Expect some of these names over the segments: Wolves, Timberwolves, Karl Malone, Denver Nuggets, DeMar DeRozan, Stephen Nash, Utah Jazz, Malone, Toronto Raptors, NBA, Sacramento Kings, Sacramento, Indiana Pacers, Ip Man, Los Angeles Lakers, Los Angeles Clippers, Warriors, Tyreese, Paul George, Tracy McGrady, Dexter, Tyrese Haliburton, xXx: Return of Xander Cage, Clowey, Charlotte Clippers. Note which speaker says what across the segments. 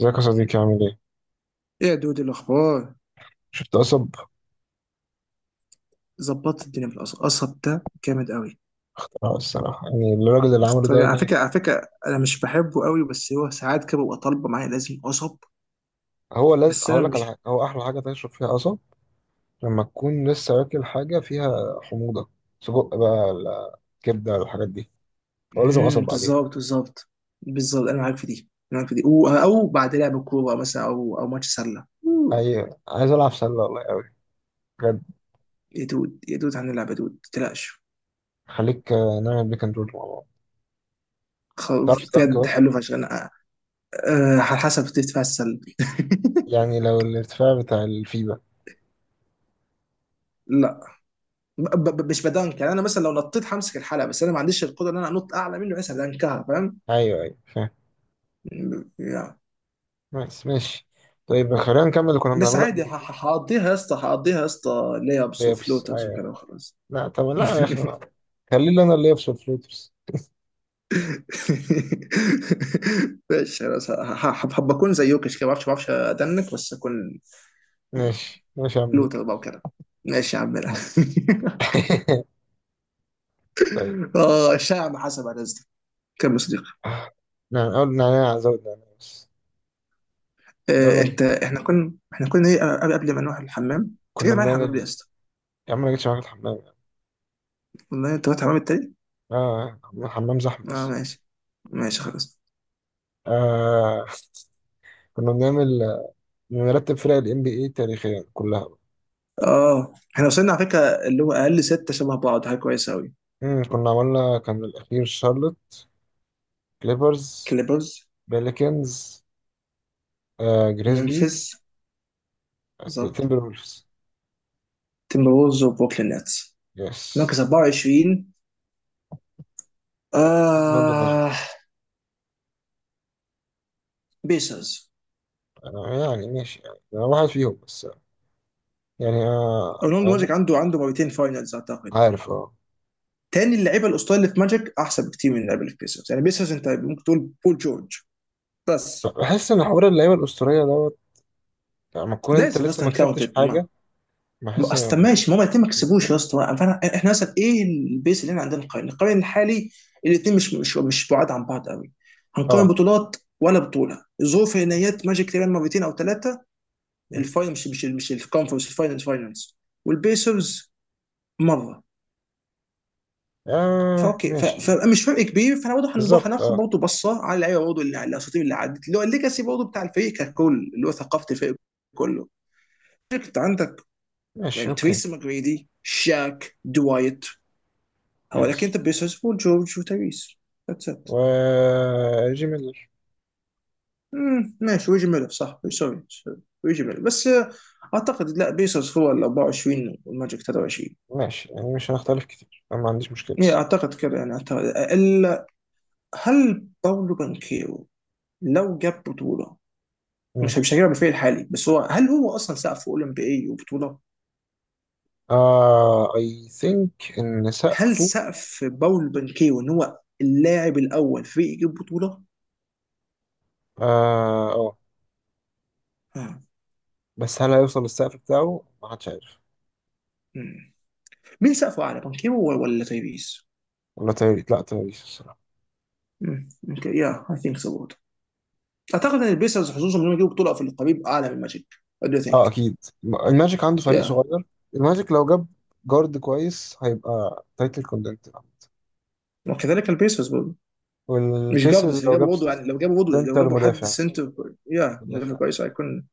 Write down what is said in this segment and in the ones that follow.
Speaker 1: ازيك يا صديقي عامل ايه؟
Speaker 2: ايه يا دود، الاخبار؟
Speaker 1: شفت قصب؟
Speaker 2: ظبطت الدنيا في القصب ده جامد قوي.
Speaker 1: اه الصراحة يعني الراجل اللي عمله
Speaker 2: طيب،
Speaker 1: ده
Speaker 2: على
Speaker 1: جامد.
Speaker 2: فكره على فكره انا مش بحبه قوي، بس هو ساعات كده ببقى طالبه معايا، لازم قصب.
Speaker 1: هو لازم
Speaker 2: بس انا
Speaker 1: هقول لك على
Speaker 2: مش.
Speaker 1: حاجة، هو أحلى حاجة تشرب فيها قصب لما تكون لسه واكل حاجة فيها حموضة، سجق بقى ولا كبدة ولا الحاجات دي، هو لازم قصب بعدين.
Speaker 2: بالظبط، بالظبط، بالظبط. انا معاك في دي أو بعد لعب كوره مثلا، او ماتش سله.
Speaker 1: أي عايز ألعب سلة والله أوي، بجد.
Speaker 2: يا دود يا دود، هنلعب. يا دود ما تقلقش.
Speaker 1: خليك آه، نعمل بيك اند رول مع بعض،
Speaker 2: خ-
Speaker 1: تعرف سلانك
Speaker 2: بجد
Speaker 1: بس.
Speaker 2: حلو فشخ. انا على حسب تدفع السله.
Speaker 1: يعني لو الارتفاع بتاع الفيبا،
Speaker 2: لا، مش بدنك، يعني انا مثلا لو نطيت همسك الحلقه، بس انا ما عنديش القدره ان انا انط اعلى منه، بس هدنكها، فاهم؟
Speaker 1: أيوه أيوه فاهم.
Speaker 2: يا.
Speaker 1: بس ماشي. طيب خلينا نكمل اللي كنا
Speaker 2: بس
Speaker 1: بنعمله
Speaker 2: عادي،
Speaker 1: قبل.
Speaker 2: هقضيها يا اسطى ليابس
Speaker 1: اليابس
Speaker 2: وفلوترز
Speaker 1: أيوه.
Speaker 2: وكده، وخلاص.
Speaker 1: لا طب لا يا أخي، خليني أنا اللي يابس والفلوترز.
Speaker 2: ماشي خلاص، هبقى اكون زي يوكش كده، ما اعرفش ادنك، بس اكون
Speaker 1: ماشي ماشي يا عم
Speaker 2: فلوتر
Speaker 1: بيك.
Speaker 2: بقى وكده. ماشي يا عم. لا.
Speaker 1: طيب،
Speaker 2: اه، الشاعر ما حسب على رزقك. كمل يا صديقي.
Speaker 1: نعم أول نعناع، زود نعناع بس. يلا،
Speaker 2: انت، احنا كنا ايه قبل ما نروح الحمام؟ انت
Speaker 1: كنا
Speaker 2: كده معايا الحمام ليه يا
Speaker 1: بنعمل،
Speaker 2: اسطى؟
Speaker 1: يا عم أنا جيتش معاك الحمام يعني.
Speaker 2: والله انت رحت الحمام التاني.
Speaker 1: آه الحمام زحمة
Speaker 2: اه،
Speaker 1: أصلا.
Speaker 2: ماشي. ماشي خلاص.
Speaker 1: آه، كنا بنعمل، بنرتب فرق ال NBA تاريخيا كلها بقى.
Speaker 2: اه، احنا وصلنا على فكره. اللي هو اقل سته شبه بعض، حاجه كويسه قوي.
Speaker 1: كنا عملنا، كان الأخير شارلوت، كليبرز،
Speaker 2: كليبرز.
Speaker 1: بيليكنز، آه جريزليز،
Speaker 2: ممفيس. بالظبط.
Speaker 1: تيمبر وولفز،
Speaker 2: تيمبروز وبروكلين نتس.
Speaker 1: يس،
Speaker 2: مركز 24.
Speaker 1: لندن ماجيك.
Speaker 2: آه، بيسرز.
Speaker 1: أنا يعني ماشي، يعني أنا واحد فيهم بس، يعني آه
Speaker 2: اورلاندو
Speaker 1: أنا
Speaker 2: ماجيك
Speaker 1: ممكن-
Speaker 2: عنده مرتين فاينلز، اعتقد.
Speaker 1: عارف اه.
Speaker 2: تاني، اللعيبه الاسطوريه اللي في ماجيك احسن بكتير من اللعيبه اللي في بيسرز. يعني بيسرز انت ممكن تقول بول جورج. بس،
Speaker 1: بحس ان حوار اللعيبه الاسطوريه دوت لما تكون انت
Speaker 2: لازم
Speaker 1: لسه ما
Speaker 2: اصلا
Speaker 1: كسبتش
Speaker 2: كاونتد.
Speaker 1: حاجه، بحس إن
Speaker 2: اصل، طب
Speaker 1: لما يكون-
Speaker 2: ماشي، ما هما الاثنين ما كسبوش يا
Speaker 1: بيكون،
Speaker 2: اسطى، احنا مثلا ايه البيس اللي احنا عندنا، نقارن الحالي. الاثنين مش بعاد عن بعض قوي. هنقارن
Speaker 1: اه.
Speaker 2: بطولات ولا بطوله ظروف؟
Speaker 1: يس.
Speaker 2: نهائيات ماجيك تقريبا مرتين او ثلاثه،
Speaker 1: مم.
Speaker 2: الفاينل، مش الكونفرنس، الفاينلز فاينلز. والبيسرز مره.
Speaker 1: اه
Speaker 2: فاوكي ف-
Speaker 1: ماشي.
Speaker 2: فمش فرق كبير، فاحنا برضه
Speaker 1: بالظبط
Speaker 2: هناخد
Speaker 1: اه.
Speaker 2: برضه بصه على اللعيبه، برضه اللي على الاساطير اللي عدت، اللي هو الليجاسي برضه بتاع الفريق ككل، اللي هو ثقافه الفريق كله. انت عندك
Speaker 1: ماشي
Speaker 2: يعني
Speaker 1: اوكي.
Speaker 2: تريسي ماجريدي، شاك، دوايت. هو
Speaker 1: يس،
Speaker 2: لكن انت بيسوس وجورج وتايريس. ذاتس ات.
Speaker 1: و جي ميلر.
Speaker 2: مم، ماشي. ويجي ميلر، صح، سوري، سوري. ويجي ميلر بس. اعتقد لا، بيسوس هو ال 24 والماجيك 23،
Speaker 1: ماشي يعني مش هنختلف كتير، انا ما عنديش مشكله
Speaker 2: يعني
Speaker 1: بس.
Speaker 2: اعتقد كده. هل باولو بانكيرو لو جاب بطوله، مش هجيبها بالفعل الحالي، بس هو، هل هو اصلا سقف اولمبي بي اي وبطوله؟
Speaker 1: اه اي ثينك ان
Speaker 2: هل
Speaker 1: سقفه.
Speaker 2: سقف باولو بانكيرو ان هو اللاعب الاول في يجيب بطوله؟
Speaker 1: اه اه.
Speaker 2: آه.
Speaker 1: بس هل هيوصل للسقف بتاعه ما حدش عارف.
Speaker 2: مم. مين سقفه اعلى، بانكيرو ولا تايبيس؟
Speaker 1: ولا تايريس، لا تايريس الصراحه.
Speaker 2: يا، اي ثينك سو. اعتقد ان البيسرز حظوظهم انهم يجيبوا بطوله افريقيا بيبقى اعلى من الماجيك. وات دو
Speaker 1: اه
Speaker 2: ثينك؟
Speaker 1: اكيد، الماجيك عنده فريق
Speaker 2: يا.
Speaker 1: صغير. الماجيك لو جاب جارد كويس هيبقى تايتل كوندنت.
Speaker 2: وكذلك البيسرز برضه. مش جارد
Speaker 1: والبيسرز
Speaker 2: بس، لو
Speaker 1: لو
Speaker 2: جابوا
Speaker 1: جاب
Speaker 2: برضه يعني، لو جابوا برضه، لو
Speaker 1: سنتر
Speaker 2: جابوا حد
Speaker 1: مدافع،
Speaker 2: سنتر يا، ليفل
Speaker 1: مدافع.
Speaker 2: كويس هيكون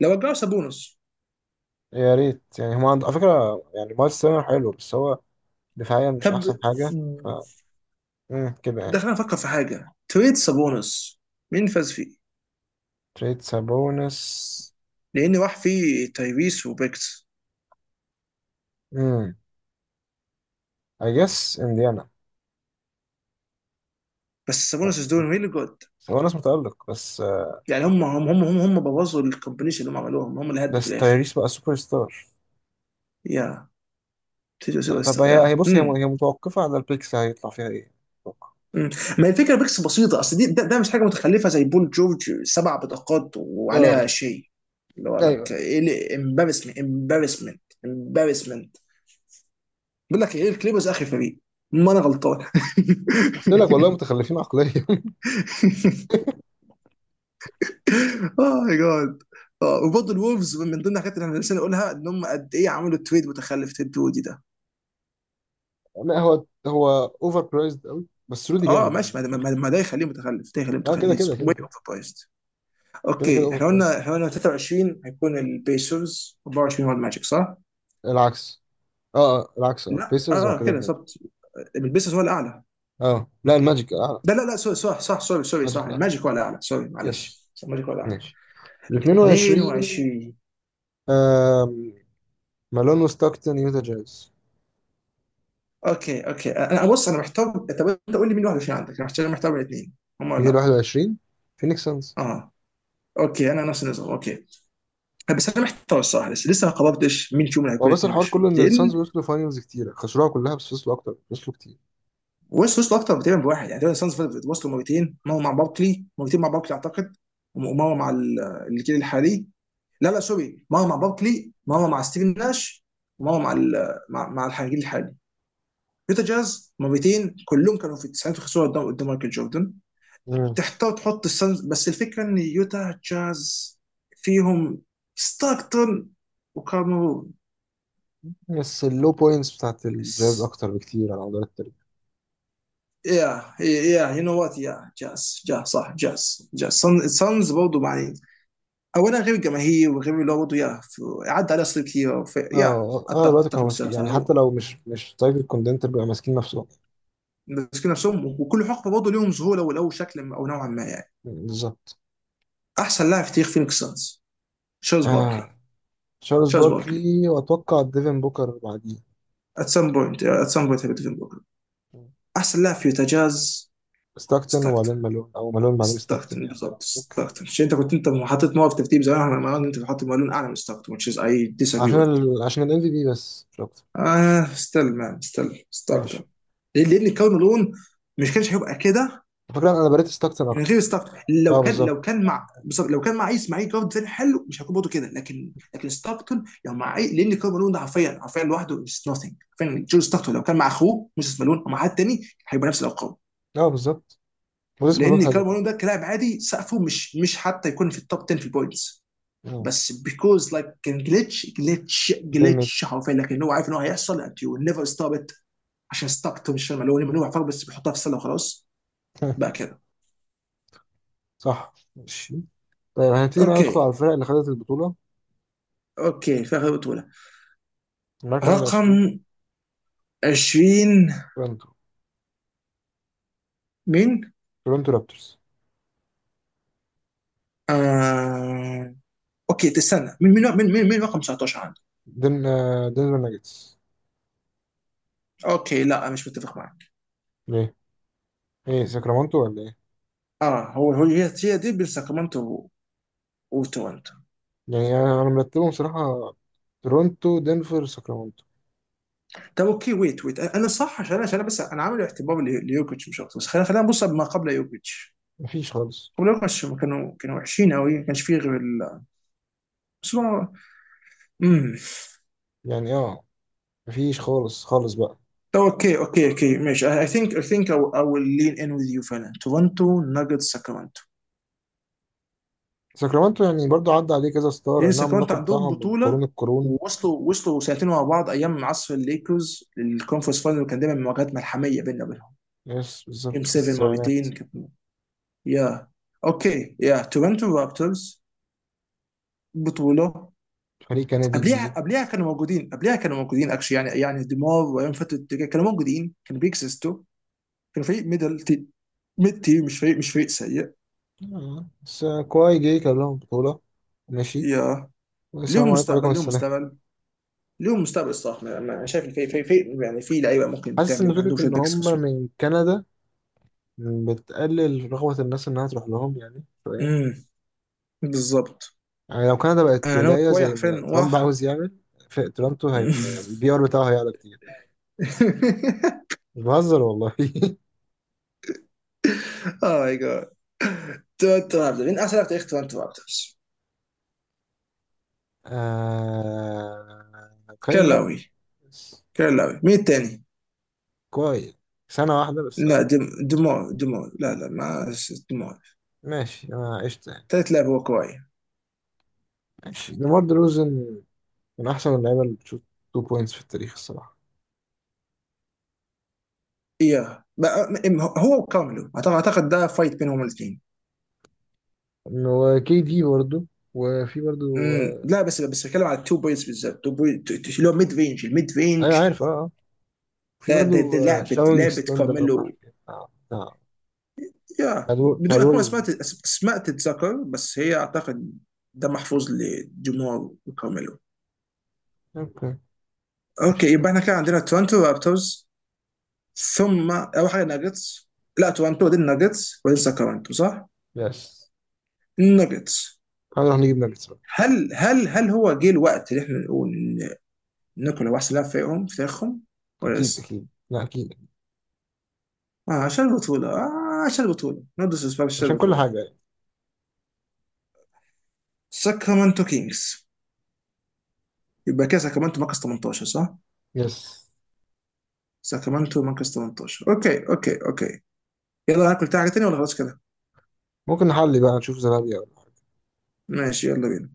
Speaker 2: لو رجعوا سابونس.
Speaker 1: يا ريت يعني، هم عند على فكرة يعني مايلز تيرنر حلو بس هو، دفاعيا مش
Speaker 2: طب،
Speaker 1: أحسن حاجة. ف كده
Speaker 2: ده
Speaker 1: يعني.
Speaker 2: خلينا نفكر في حاجه. تريد سابونس، مين فاز فيه؟
Speaker 1: تريد سابونس،
Speaker 2: لان راح فيه تايريس وبيكس.
Speaker 1: امم، I guess انديانا.
Speaker 2: بس سابونس از دوينج ريلي جود.
Speaker 1: سابونس متألق بس.
Speaker 2: يعني هم بوظوا الكومبينيشن اللي هم عملوهم، هم اللي هدوا في
Speaker 1: بس
Speaker 2: الاخر.
Speaker 1: تايريس بقى سوبر ستار.
Speaker 2: يا. تيجي سوبر
Speaker 1: طب
Speaker 2: ستار.
Speaker 1: هي
Speaker 2: يا.
Speaker 1: بص هي متوقفة على البيكس، هيطلع فيها ايه؟ أتوقع.
Speaker 2: مم. ما الفكره ميكس بسيطه، اصل دي، ده مش حاجه متخلفه زي بول جورج، سبع بطاقات
Speaker 1: اه
Speaker 2: وعليها
Speaker 1: آه.
Speaker 2: شيء، اللي هو لك
Speaker 1: ايوه.
Speaker 2: ايه، امبارسمنت، امبارسمنت، امبارسمنت. بيقول لك ايه الكليبرز اخر فريق. ما انا غلطان.
Speaker 1: قلت لك والله متخلفين عقليا.
Speaker 2: اه، ماي جاد. اه، وبرضه الولفز من ضمن الحاجات اللي احنا لسه نقولها ان هم قد ايه عملوا تريد متخلف، تيد دودي ده.
Speaker 1: لا هو هو اوفر برايزد قوي، بس رودي
Speaker 2: اه،
Speaker 1: جامد يعني
Speaker 2: ماشي. ما
Speaker 1: في
Speaker 2: ده
Speaker 1: الآخر.
Speaker 2: ما ده ما ده يخليه متخلف، ده يخليه
Speaker 1: اه
Speaker 2: متخلف
Speaker 1: كده كده كده
Speaker 2: واي
Speaker 1: كده،
Speaker 2: اوفر برايسد.
Speaker 1: كده كده
Speaker 2: اوكي،
Speaker 1: اوفر
Speaker 2: احنا
Speaker 1: برايزد.
Speaker 2: قلنا احنا قلنا 23 هيكون البيسرز، 24 هو الماجيك، صح؟
Speaker 1: العكس. اه اه العكس، اه
Speaker 2: لا، اه.
Speaker 1: بيسرز وبعد
Speaker 2: آه،
Speaker 1: كده
Speaker 2: كده
Speaker 1: الماجيك.
Speaker 2: بالظبط. البيسرز هو الاعلى.
Speaker 1: اه لا الماجيك اعلى،
Speaker 2: لا، لا، لا، سوري، صح، صح، سوري، سوري،
Speaker 1: الماجيك
Speaker 2: صح،
Speaker 1: الاعلى.
Speaker 2: الماجيك هو الاعلى. سوري،
Speaker 1: يس.
Speaker 2: معلش، صح، الماجيك هو الاعلى.
Speaker 1: ماشي. ال 22.
Speaker 2: 22.
Speaker 1: آم، مالون وستاكتون، يوتا جاز.
Speaker 2: اوكي، اوكي، انا بص، انا محتار. طب انت قول لي مين 21 عندك، عشان انا محتار، محتار بين الاثنين. هم ولا
Speaker 1: مين ال
Speaker 2: لا؟
Speaker 1: 21؟ فينيكس سانز.
Speaker 2: اه، اوكي، انا نفس النظام، اوكي. بس انا محتار الصراحه، لسه ما قررتش مين فيهم اللي
Speaker 1: هو
Speaker 2: هيكون
Speaker 1: بس الحوار كله
Speaker 2: 22،
Speaker 1: ان
Speaker 2: لان
Speaker 1: السانز وصلوا فاينلز كتيرة خسروها كلها، بس وصلوا اكتر، وصلوا كتير.
Speaker 2: ويست وصلوا اكتر تقريبا بواحد يعني. تقريبا السانز وصلوا مرتين، مره مع باركلي، مرتين مع باركلي اعتقد، ومره مع ال- الجيل الحالي. لا، لا، سوري، مره مع باركلي، مره مع ستيفن ناش، ومره مع ال- مع, مع الجيل الحالي. يوتا جاز مرتين، كلهم كانوا في التسعينات، وخسروا قدام مايكل جوردن.
Speaker 1: مم.
Speaker 2: تحتار تحط السانز، بس الفكره ان يوتا جاز فيهم ستاكتون وكاميرون.
Speaker 1: بس اللو بوينتس بتاعت الجاز
Speaker 2: بس،
Speaker 1: اكتر بكتير على مدار التاريخ.
Speaker 2: يا يو نو وات، يا. جاز صح، جاز، السانز برضه يعني. اولا غير الجماهير، وغير اللي هو برضه، يا، عدى عليه اساطير كتير، يا،
Speaker 1: اه اغلب
Speaker 2: اتفق
Speaker 1: الوقت كانوا
Speaker 2: اتفق بس
Speaker 1: ماسكين،
Speaker 2: بس
Speaker 1: يعني حتى
Speaker 2: هو
Speaker 1: لو مش تايب الكوندنتر بيبقى ماسكين نفسهم.
Speaker 2: ماسكين نفسهم، وكل حقبه برضه ليهم ظهور او لو شكل او نوعا ما يعني.
Speaker 1: بالظبط.
Speaker 2: احسن لاعب في تاريخ فينيكس سانز: تشارلز باركلي.
Speaker 1: آه. تشارلز
Speaker 2: تشارلز باركلي،
Speaker 1: باركلي، واتوقع ديفن بوكر بعديه.
Speaker 2: ات سام بوينت باركلي. احسن لاعب في يوتا جاز:
Speaker 1: ستاكتن
Speaker 2: ستاكتون.
Speaker 1: وبعدين مالون، او مالون بعدين ستاكتن
Speaker 2: ستاكتون
Speaker 1: يعني.
Speaker 2: بالضبط،
Speaker 1: اوكي،
Speaker 2: ستاكتون. عشان انت كنت، انت حاطط، موقف ترتيب زمان، انا، ما انت حاطط مالون اعلى من ستاكتون، which is I disagree
Speaker 1: عشان
Speaker 2: with.
Speaker 1: ال... عشان الام في بي، بس مش اكتر.
Speaker 2: اه، ستيل مان، ستيل ستاكتون.
Speaker 1: ماشي.
Speaker 2: لان كونه لون مش كانش هيبقى كده
Speaker 1: على فكره انا بريت ستاكتن
Speaker 2: من
Speaker 1: اكتر.
Speaker 2: غير ستارك.
Speaker 1: اه
Speaker 2: لو كان لو
Speaker 1: بالظبط.
Speaker 2: كان مع، بالظبط لو كان مع اسماعيل جارد تاني حلو، مش هيكون برضه كده. لكن ستاركتون لو مع لان كارل مالون ده حرفيا، حرفيا لوحده از نوثينج. فعلا جو ستاركتون لو كان مع اخوه موسيس مالون او مع حد تاني هيبقى نفس الارقام.
Speaker 1: اه بالظبط. وزيس مالون
Speaker 2: لان
Speaker 1: حلو
Speaker 2: كارل مالون
Speaker 1: برضه.
Speaker 2: ده، كلاعب عادي، سقفه مش حتى يكون في التوب 10 في البوينتس.
Speaker 1: اه
Speaker 2: بس بيكوز لايك كان جلitch
Speaker 1: دايما.
Speaker 2: جلitش حرفيا، لكن هو عارف ان هو هيحصل and you will never stop it. عشان ستاركتون مش مالون. مالون عارفها بس بيحطها في السله وخلاص. بقى كده.
Speaker 1: صح ماشي. طيب هنبتدي بقى ندخل
Speaker 2: اوكي،
Speaker 1: على الفرق اللي خدت البطوله.
Speaker 2: اوكي، فاخر بطوله.
Speaker 1: المركز العشرين،
Speaker 2: رقم 20،
Speaker 1: تورنتو،
Speaker 2: مين؟
Speaker 1: تورنتو رابترز.
Speaker 2: آه. اوكي، تستنى، مين رقم 19 عندك؟
Speaker 1: دن آه، دنفر ناجتس.
Speaker 2: اوكي، لا، مش متفق معك.
Speaker 1: ايه ساكرامنتو ولا ايه؟
Speaker 2: اه، هو هو، هي دي بين ساكرامنتو وتورنتو.
Speaker 1: يعني أنا مرتبهم صراحة، تورونتو، دنفر، ساكرامنتو.
Speaker 2: طب اوكي، ويت، انا صح، عشان أنا، بس انا عامل اعتبار ليوكيتش مش اكتر، بس خلينا نبص ما قبل يوكيتش.
Speaker 1: مفيش خالص.
Speaker 2: قبل يوكيتش هم كانوا وحشين قوي، ما كانش فيه غير ال. بس هو- امم
Speaker 1: يعني اه مفيش خالص خالص بقى.
Speaker 2: طب اوكي، اوكي، اوكي، ماشي. I think I will lean in with you فعلا. تورنتو، ناجتس، ساكرامنتو.
Speaker 1: ساكرامنتو، يعني برضو عدى عليه كذا ستار،
Speaker 2: ينسى
Speaker 1: انهم
Speaker 2: كمان، انت
Speaker 1: اللقب
Speaker 2: عندهم
Speaker 1: بتاعهم من قرون
Speaker 2: بطوله،
Speaker 1: القرون.
Speaker 2: ووصلوا سنتين ورا بعض ايام عصر الليكرز للكونفرنس فاينل، وكان دايما مواجهات ملحميه بيننا وبينهم.
Speaker 1: يس
Speaker 2: جيم
Speaker 1: بالظبط في
Speaker 2: 7
Speaker 1: السبعينات.
Speaker 2: مرتين كانت. يا. اوكي، يا تورنتو رابترز بطوله.
Speaker 1: فريق كندي
Speaker 2: قبليها
Speaker 1: جديد.
Speaker 2: قبليها كانوا موجودين، قبليها كانوا موجودين اكشلي، يعني ديمار وايام فتره كانوا موجودين، كانوا بيكسستوا. كانوا فريق ميدل تي، ميد تي. مش فريق سيء.
Speaker 1: آه. بس كواي جاي كان لهم بطولة. ماشي.
Speaker 2: يا،
Speaker 1: والسلام
Speaker 2: ليهم
Speaker 1: عليكم وعليكم
Speaker 2: مستقبل، ليهم
Speaker 1: السلام.
Speaker 2: مستقبل، ليهم مستقبل الصراحه. انا شايف الفريق، فريق يعني، في لعيبه ممكن
Speaker 1: حاسس ان
Speaker 2: تعمل عندهم
Speaker 1: فكرة
Speaker 2: شويه
Speaker 1: ان
Speaker 2: بيكس
Speaker 1: هم
Speaker 2: بسيطه.
Speaker 1: من كندا بتقلل رغبة الناس انها تروح لهم يعني شوية.
Speaker 2: بالظبط،
Speaker 1: يعني لو كندا بقت
Speaker 2: انا ناوي
Speaker 1: ولاية
Speaker 2: شويه
Speaker 1: زي ما
Speaker 2: حرفيا.
Speaker 1: ترامب عاوز يعمل، في تورنتو هيبقى البي ار بتاعه هيعلى كتير. مش بهزر والله.
Speaker 2: اوه ماي جاد. تورنتو رابترز، مين احسن لاعب في تاريخ تورنتو رابترز؟
Speaker 1: آه... كايل لاوري
Speaker 2: كلاوي.
Speaker 1: بس.
Speaker 2: كلاوي، مين التاني؟
Speaker 1: كويس. سنة واحدة بس
Speaker 2: لا،
Speaker 1: آه.
Speaker 2: دم دمار دمار، لا، لا، ما، دمار.
Speaker 1: ماشي أنا عشت يعني.
Speaker 2: تالت لاعب هو كواي.
Speaker 1: ماشي، ديمار دروزن، من أحسن اللعيبة اللي بتشوط 2 بوينتس في التاريخ الصراحة.
Speaker 2: اياه، هو وكارمelo، اعتقد ده فايت بينهم الاثنين.
Speaker 1: وكي دي برضه. وفي برضه
Speaker 2: امم، لا. بس بتكلم على التو بوينتس بالذات، تو بوينت اللي هو ميد رينج، الميد
Speaker 1: آه، أيوة
Speaker 2: رينج.
Speaker 1: عارف أه أه. في
Speaker 2: ده
Speaker 1: برضه آه،
Speaker 2: لعبه
Speaker 1: شاونج
Speaker 2: لعبه
Speaker 1: ستون، ده أنا
Speaker 2: كارميلو.
Speaker 1: معرفش إيه. بتاع
Speaker 2: يا،
Speaker 1: بتاع
Speaker 2: بدون اكون
Speaker 1: الوريورز ده.
Speaker 2: اسماء تتذكر، بس هي اعتقد. ده محفوظ لجمهور كارميلو.
Speaker 1: أوكي ماشي
Speaker 2: اوكي،
Speaker 1: طيب.
Speaker 2: يبقى احنا كان عندنا تورنتو رابترز، ثم اول حاجه ناجتس. لا، تورنتو دي الناجتس، وبعدين ساكرامنتو، صح؟
Speaker 1: بس
Speaker 2: الناجتس.
Speaker 1: هنروح نجيب ناجتس بقى.
Speaker 2: هل هو جه الوقت اللي احنا نقول ان نيكولا هو احسن لاعب فريقهم في تاريخهم، ولا
Speaker 1: اكيد
Speaker 2: لسه؟
Speaker 1: اكيد، لا اكيد.
Speaker 2: آه، عشان البطوله، نو ديسريسبكت، عشان
Speaker 1: عشان كل
Speaker 2: البطوله.
Speaker 1: حاجه يعني.
Speaker 2: ساكرامنتو كينجز. يبقى كده ساكرامنتو مركز 18، صح؟
Speaker 1: يس.
Speaker 2: ساكرامنتو مركز 18. اوكي، اوكي، اوكي. يلا ناكل حاجه تانية ولا خلاص كده؟
Speaker 1: ممكن نحلي بقى، نشوف زلابيا.
Speaker 2: ماشي، يلا بينا.